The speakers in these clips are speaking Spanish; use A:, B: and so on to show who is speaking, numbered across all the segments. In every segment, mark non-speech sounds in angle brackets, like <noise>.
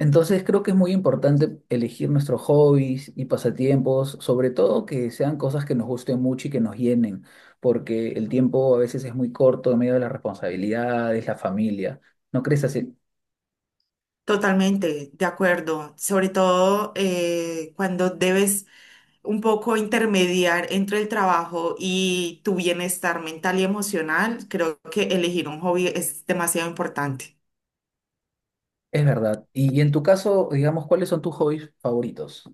A: Entonces creo que es muy importante elegir nuestros hobbies y pasatiempos, sobre todo que sean cosas que nos gusten mucho y que nos llenen, porque el tiempo a veces es muy corto en medio de las responsabilidades, la familia. ¿No crees así?
B: Totalmente, de acuerdo. Sobre todo cuando debes un poco intermediar entre el trabajo y tu bienestar mental y emocional, creo que elegir un hobby es demasiado importante.
A: Es verdad. Y en tu caso, digamos, ¿cuáles son tus hobbies favoritos?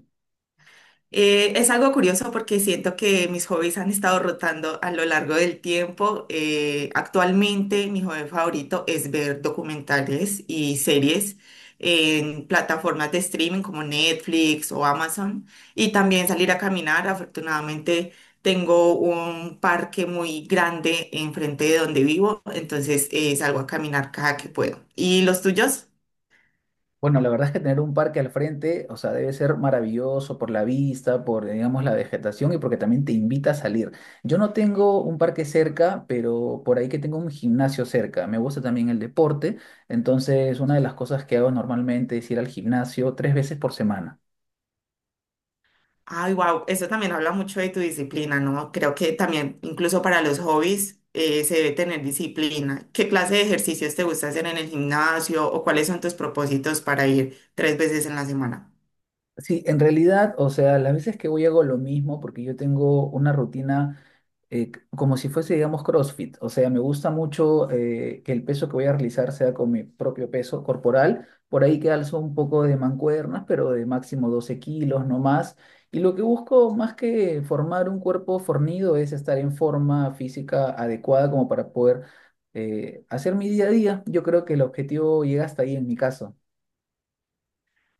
B: Es algo curioso porque siento que mis hobbies han estado rotando a lo largo del tiempo. Actualmente mi hobby favorito es ver documentales y series en plataformas de streaming como Netflix o Amazon y también salir a caminar. Afortunadamente tengo un parque muy grande enfrente de donde vivo, entonces salgo a caminar cada que puedo. ¿Y los tuyos?
A: Bueno, la verdad es que tener un parque al frente, o sea, debe ser maravilloso por la vista, por, digamos, la vegetación y porque también te invita a salir. Yo no tengo un parque cerca, pero por ahí que tengo un gimnasio cerca. Me gusta también el deporte, entonces una de las cosas que hago normalmente es ir al gimnasio tres veces por semana.
B: Ay, wow, eso también habla mucho de tu disciplina, ¿no? Creo que también, incluso para los hobbies, se debe tener disciplina. ¿Qué clase de ejercicios te gusta hacer en el gimnasio o cuáles son tus propósitos para ir 3 veces en la semana?
A: Sí, en realidad, o sea, las veces que voy hago lo mismo porque yo tengo una rutina. Como si fuese, digamos, CrossFit. O sea, me gusta mucho que el peso que voy a realizar sea con mi propio peso corporal. Por ahí que alzo un poco de mancuernas, pero de máximo 12 kilos, no más. Y lo que busco más que formar un cuerpo fornido es estar en forma física adecuada como para poder hacer mi día a día. Yo creo que el objetivo llega hasta ahí en mi caso.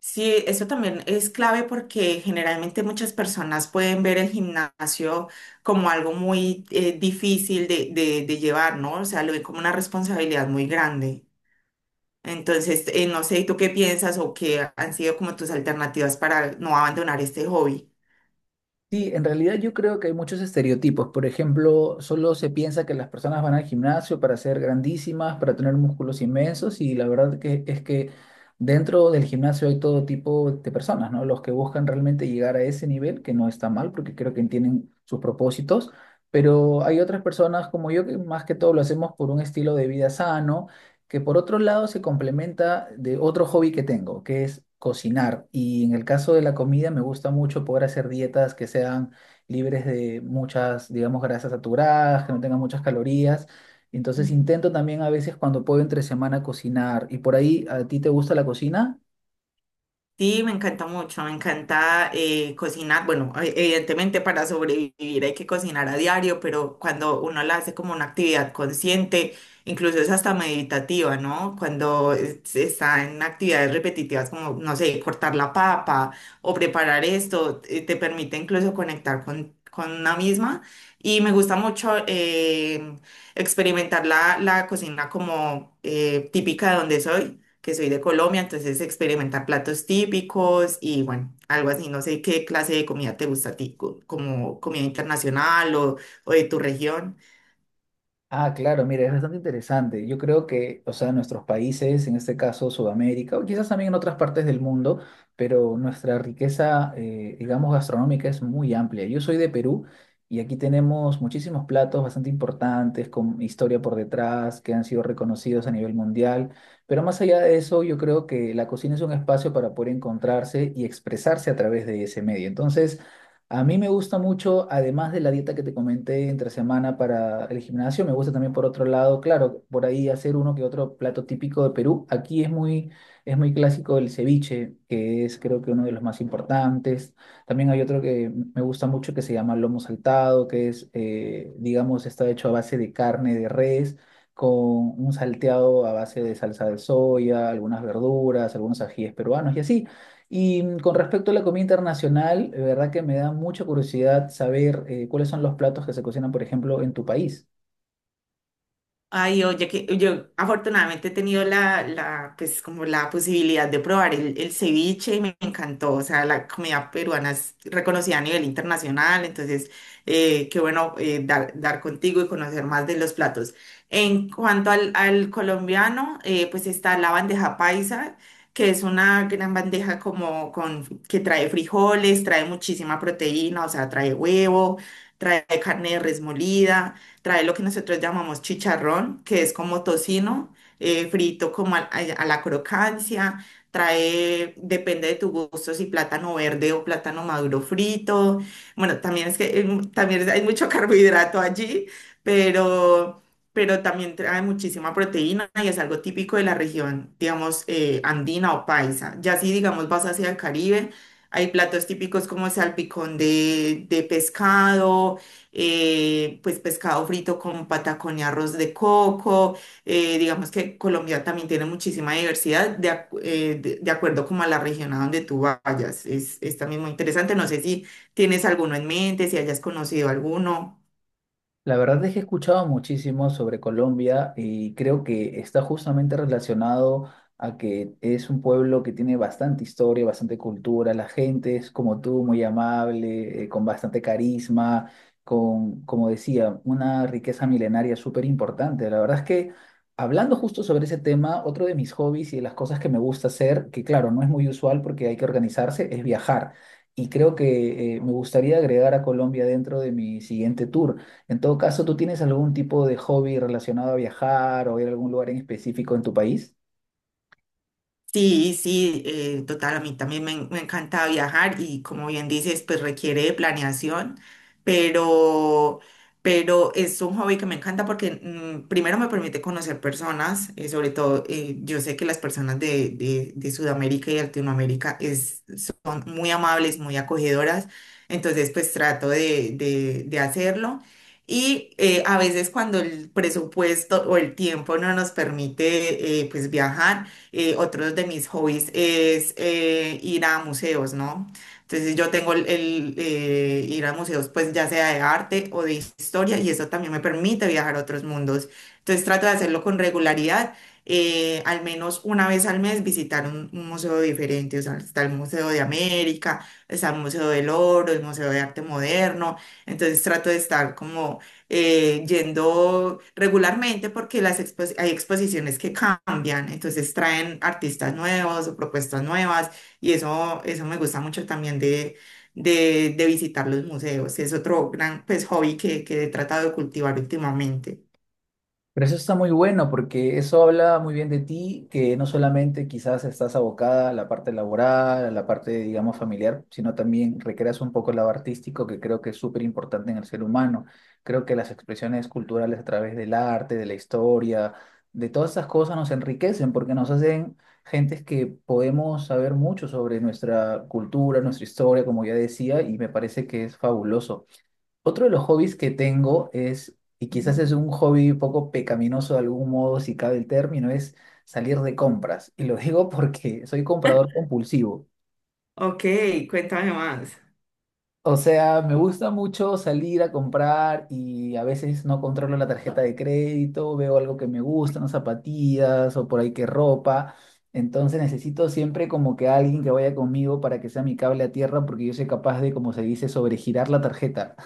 B: Sí, eso también es clave porque generalmente muchas personas pueden ver el gimnasio como algo muy difícil de llevar, ¿no? O sea, lo ven como una responsabilidad muy grande. Entonces, no sé, ¿tú qué piensas o qué han sido como tus alternativas para no abandonar este hobby?
A: Sí, en realidad yo creo que hay muchos estereotipos. Por ejemplo, solo se piensa que las personas van al gimnasio para ser grandísimas, para tener músculos inmensos y la verdad que es que dentro del gimnasio hay todo tipo de personas, ¿no? Los que buscan realmente llegar a ese nivel, que no está mal porque creo que entienden sus propósitos, pero hay otras personas como yo que más que todo lo hacemos por un estilo de vida sano que por otro lado se complementa de otro hobby que tengo, que es cocinar. Y en el caso de la comida me gusta mucho poder hacer dietas que sean libres de muchas, digamos, grasas saturadas, que no tengan muchas calorías. Entonces intento también a veces cuando puedo entre semana cocinar. ¿Y por ahí a ti te gusta la cocina?
B: Sí, me encanta mucho, me encanta cocinar. Bueno, evidentemente para sobrevivir hay que cocinar a diario, pero cuando uno la hace como una actividad consciente, incluso es hasta meditativa, ¿no? Cuando está en actividades repetitivas como, no sé, cortar la papa o preparar esto, te permite incluso conectar con una misma. Y me gusta mucho experimentar la cocina como típica de donde soy, que soy de Colombia, entonces experimentar platos típicos y bueno, algo así. No sé qué clase de comida te gusta a ti, como comida internacional o de tu región.
A: Ah, claro, mira, es bastante interesante. Yo creo que, o sea, nuestros países, en este caso Sudamérica, o quizás también en otras partes del mundo, pero nuestra riqueza, digamos, gastronómica es muy amplia. Yo soy de Perú y aquí tenemos muchísimos platos bastante importantes, con historia por detrás, que han sido reconocidos a nivel mundial. Pero más allá de eso, yo creo que la cocina es un espacio para poder encontrarse y expresarse a través de ese medio. Entonces, a mí me gusta mucho, además de la dieta que te comenté entre semana para el gimnasio, me gusta también por otro lado, claro, por ahí hacer uno que otro plato típico de Perú. Aquí es muy clásico el ceviche, que es creo que uno de los más importantes. También hay otro que me gusta mucho que se llama lomo saltado, que es, digamos, está hecho a base de carne de res, con un salteado a base de salsa de soya, algunas verduras, algunos ajíes peruanos y así. Y con respecto a la comida internacional, de verdad que me da mucha curiosidad saber cuáles son los platos que se cocinan, por ejemplo, en tu país.
B: Ay, oye, que yo afortunadamente he tenido pues como la posibilidad de probar el ceviche y me encantó. O sea, la comida peruana es reconocida a nivel internacional, entonces, qué bueno dar contigo y conocer más de los platos. En cuanto al colombiano, pues está la bandeja paisa, que es una gran bandeja como con, que trae frijoles, trae muchísima proteína, o sea, trae huevo, trae carne de res molida, trae lo que nosotros llamamos chicharrón, que es como tocino, frito como a la crocancia, trae, depende de tu gusto, si plátano verde o plátano maduro frito. Bueno, también es que también hay mucho <laughs> carbohidrato allí, pero, pero también trae muchísima proteína y es algo típico de la región, digamos, andina o paisa. Ya si, digamos, vas hacia el Caribe, hay platos típicos como salpicón de pescado, pues pescado frito con patacón y arroz de coco. Digamos que Colombia también tiene muchísima diversidad de acuerdo como a la región a donde tú vayas. Es también muy interesante. No sé si tienes alguno en mente, si hayas conocido alguno.
A: La verdad es que he escuchado muchísimo sobre Colombia y creo que está justamente relacionado a que es un pueblo que tiene bastante historia, bastante cultura, la gente es como tú, muy amable, con bastante carisma, con, como decía, una riqueza milenaria súper importante. La verdad es que hablando justo sobre ese tema, otro de mis hobbies y de las cosas que me gusta hacer, que claro, no es muy usual porque hay que organizarse, es viajar. Y creo que me gustaría agregar a Colombia dentro de mi siguiente tour. En todo caso, ¿tú tienes algún tipo de hobby relacionado a viajar o ir a algún lugar en específico en tu país?
B: Sí, sí, total, a mí también me encanta viajar y, como bien dices, pues requiere de planeación, pero, pero es un hobby que me encanta porque primero me permite conocer personas, sobre todo yo sé que las personas de Sudamérica y Latinoamérica es, son muy amables, muy acogedoras, entonces pues trato de hacerlo. Y a veces cuando el presupuesto o el tiempo no nos permite pues viajar, otro de mis hobbies es ir a museos, ¿no? Entonces yo tengo ir a museos, pues ya sea de arte o de historia, y eso también me permite viajar a otros mundos. Entonces trato de hacerlo con regularidad, al menos una vez al mes visitar un museo diferente. O sea, está el Museo de América, está el Museo del Oro, el Museo de Arte Moderno. Entonces trato de estar como yendo regularmente porque las hay exposiciones que cambian, entonces traen artistas nuevos o propuestas nuevas y eso me gusta mucho también de visitar los museos. Es otro gran, pues, hobby que he tratado de cultivar últimamente.
A: Pero eso está muy bueno porque eso habla muy bien de ti, que no solamente quizás estás abocada a la parte laboral, a la parte, digamos, familiar, sino también recreas un poco el lado artístico que creo que es súper importante en el ser humano. Creo que las expresiones culturales a través del arte, de la historia, de todas estas cosas nos enriquecen porque nos hacen gentes que podemos saber mucho sobre nuestra cultura, nuestra historia, como ya decía, y me parece que es fabuloso. Otro de los hobbies que tengo es, y quizás es un hobby poco pecaminoso de algún modo, si cabe el término, es salir de compras. Y lo <laughs> digo porque soy comprador compulsivo.
B: Ok, cuéntame más.
A: O sea, me gusta mucho salir a comprar y a veces no controlo la tarjeta de crédito, veo algo que me gusta, unas zapatillas o por ahí que ropa. Entonces necesito siempre como que alguien que vaya conmigo para que sea mi cable a tierra porque yo soy capaz de, como se dice, sobregirar la tarjeta.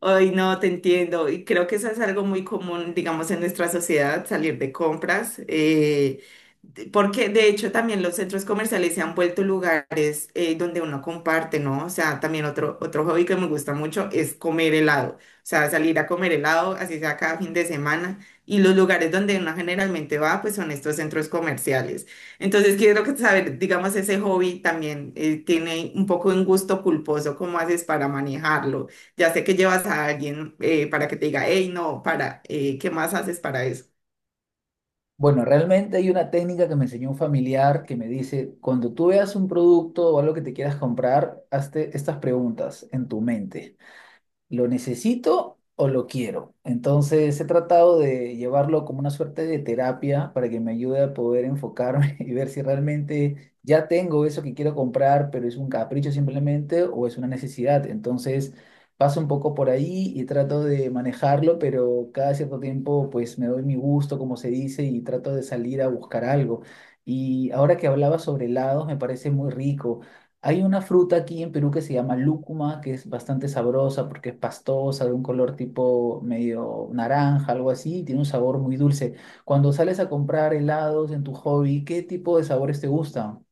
B: Ay, no, te entiendo. Y creo que eso es algo muy común, digamos, en nuestra sociedad, salir de compras. Porque de hecho también los centros comerciales se han vuelto lugares donde uno comparte, ¿no? O sea, también otro hobby que me gusta mucho es comer helado. O sea, salir a comer helado, así sea cada fin de semana. Y los lugares donde uno generalmente va, pues son estos centros comerciales. Entonces, quiero que saber, digamos, ese hobby también tiene un poco un gusto culposo. ¿Cómo haces para manejarlo? Ya sé que llevas a alguien para que te diga, hey, no, para, ¿qué más haces para eso?
A: Bueno, realmente hay una técnica que me enseñó un familiar que me dice, cuando tú veas un producto o algo que te quieras comprar, hazte estas preguntas en tu mente. ¿Lo necesito o lo quiero? Entonces he tratado de llevarlo como una suerte de terapia para que me ayude a poder enfocarme <laughs> y ver si realmente ya tengo eso que quiero comprar, pero es un capricho simplemente o es una necesidad. Entonces paso un poco por ahí y trato de manejarlo, pero cada cierto tiempo pues me doy mi gusto, como se dice, y trato de salir a buscar algo. Y ahora que hablaba sobre helados, me parece muy rico. Hay una fruta aquí en Perú que se llama lúcuma, que es bastante sabrosa porque es pastosa, de un color tipo medio naranja, algo así, y tiene un sabor muy dulce. Cuando sales a comprar helados en tu hobby, ¿qué tipo de sabores te gustan?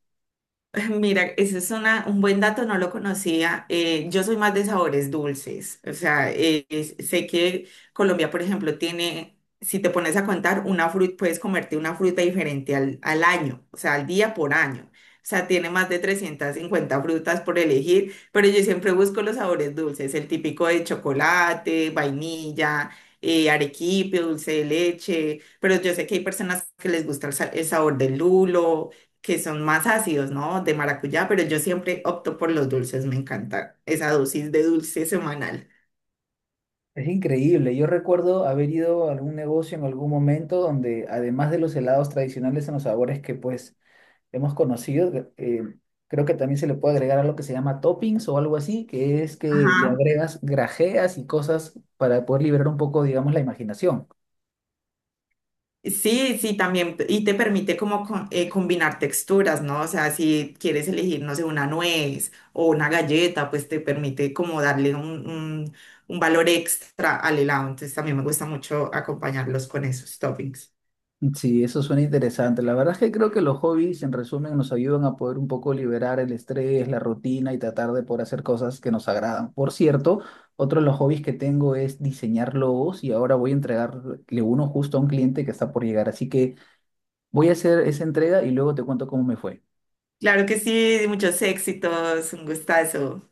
B: <laughs> Mira, ese es una, un buen dato, no lo conocía. Yo soy más de sabores dulces. O sea, sé que Colombia, por ejemplo, tiene, si te pones a contar, una fruta, puedes comerte una fruta diferente al año, o sea, al día por año. O sea, tiene más de 350 frutas por elegir, pero yo siempre busco los sabores dulces, el típico de chocolate, vainilla, arequipe, dulce de leche, pero yo sé que hay personas que les gusta el sabor del lulo, que son más ácidos, ¿no? De maracuyá, pero yo siempre opto por los dulces, me encanta esa dosis de dulce semanal.
A: Es increíble. Yo recuerdo haber ido a algún negocio en algún momento donde, además de los helados tradicionales en los sabores que pues hemos conocido, eh, creo que también se le puede agregar algo que se llama toppings o algo así, que es que le
B: Ajá.
A: agregas grajeas y cosas para poder liberar un poco, digamos, la imaginación.
B: Sí, sí, también, y te permite como combinar texturas, ¿no? O sea, si quieres elegir, no sé, una nuez o una galleta, pues te permite como darle un valor extra al helado. Entonces también me gusta mucho acompañarlos con esos toppings.
A: Sí, eso suena interesante. La verdad es que creo que los hobbies, en resumen, nos ayudan a poder un poco liberar el estrés, la rutina y tratar de poder hacer cosas que nos agradan. Por cierto, otro de los hobbies que tengo es diseñar logos y ahora voy a entregarle uno justo a un cliente que está por llegar. Así que voy a hacer esa entrega y luego te cuento cómo me fue.
B: Claro que sí, muchos éxitos, un gustazo.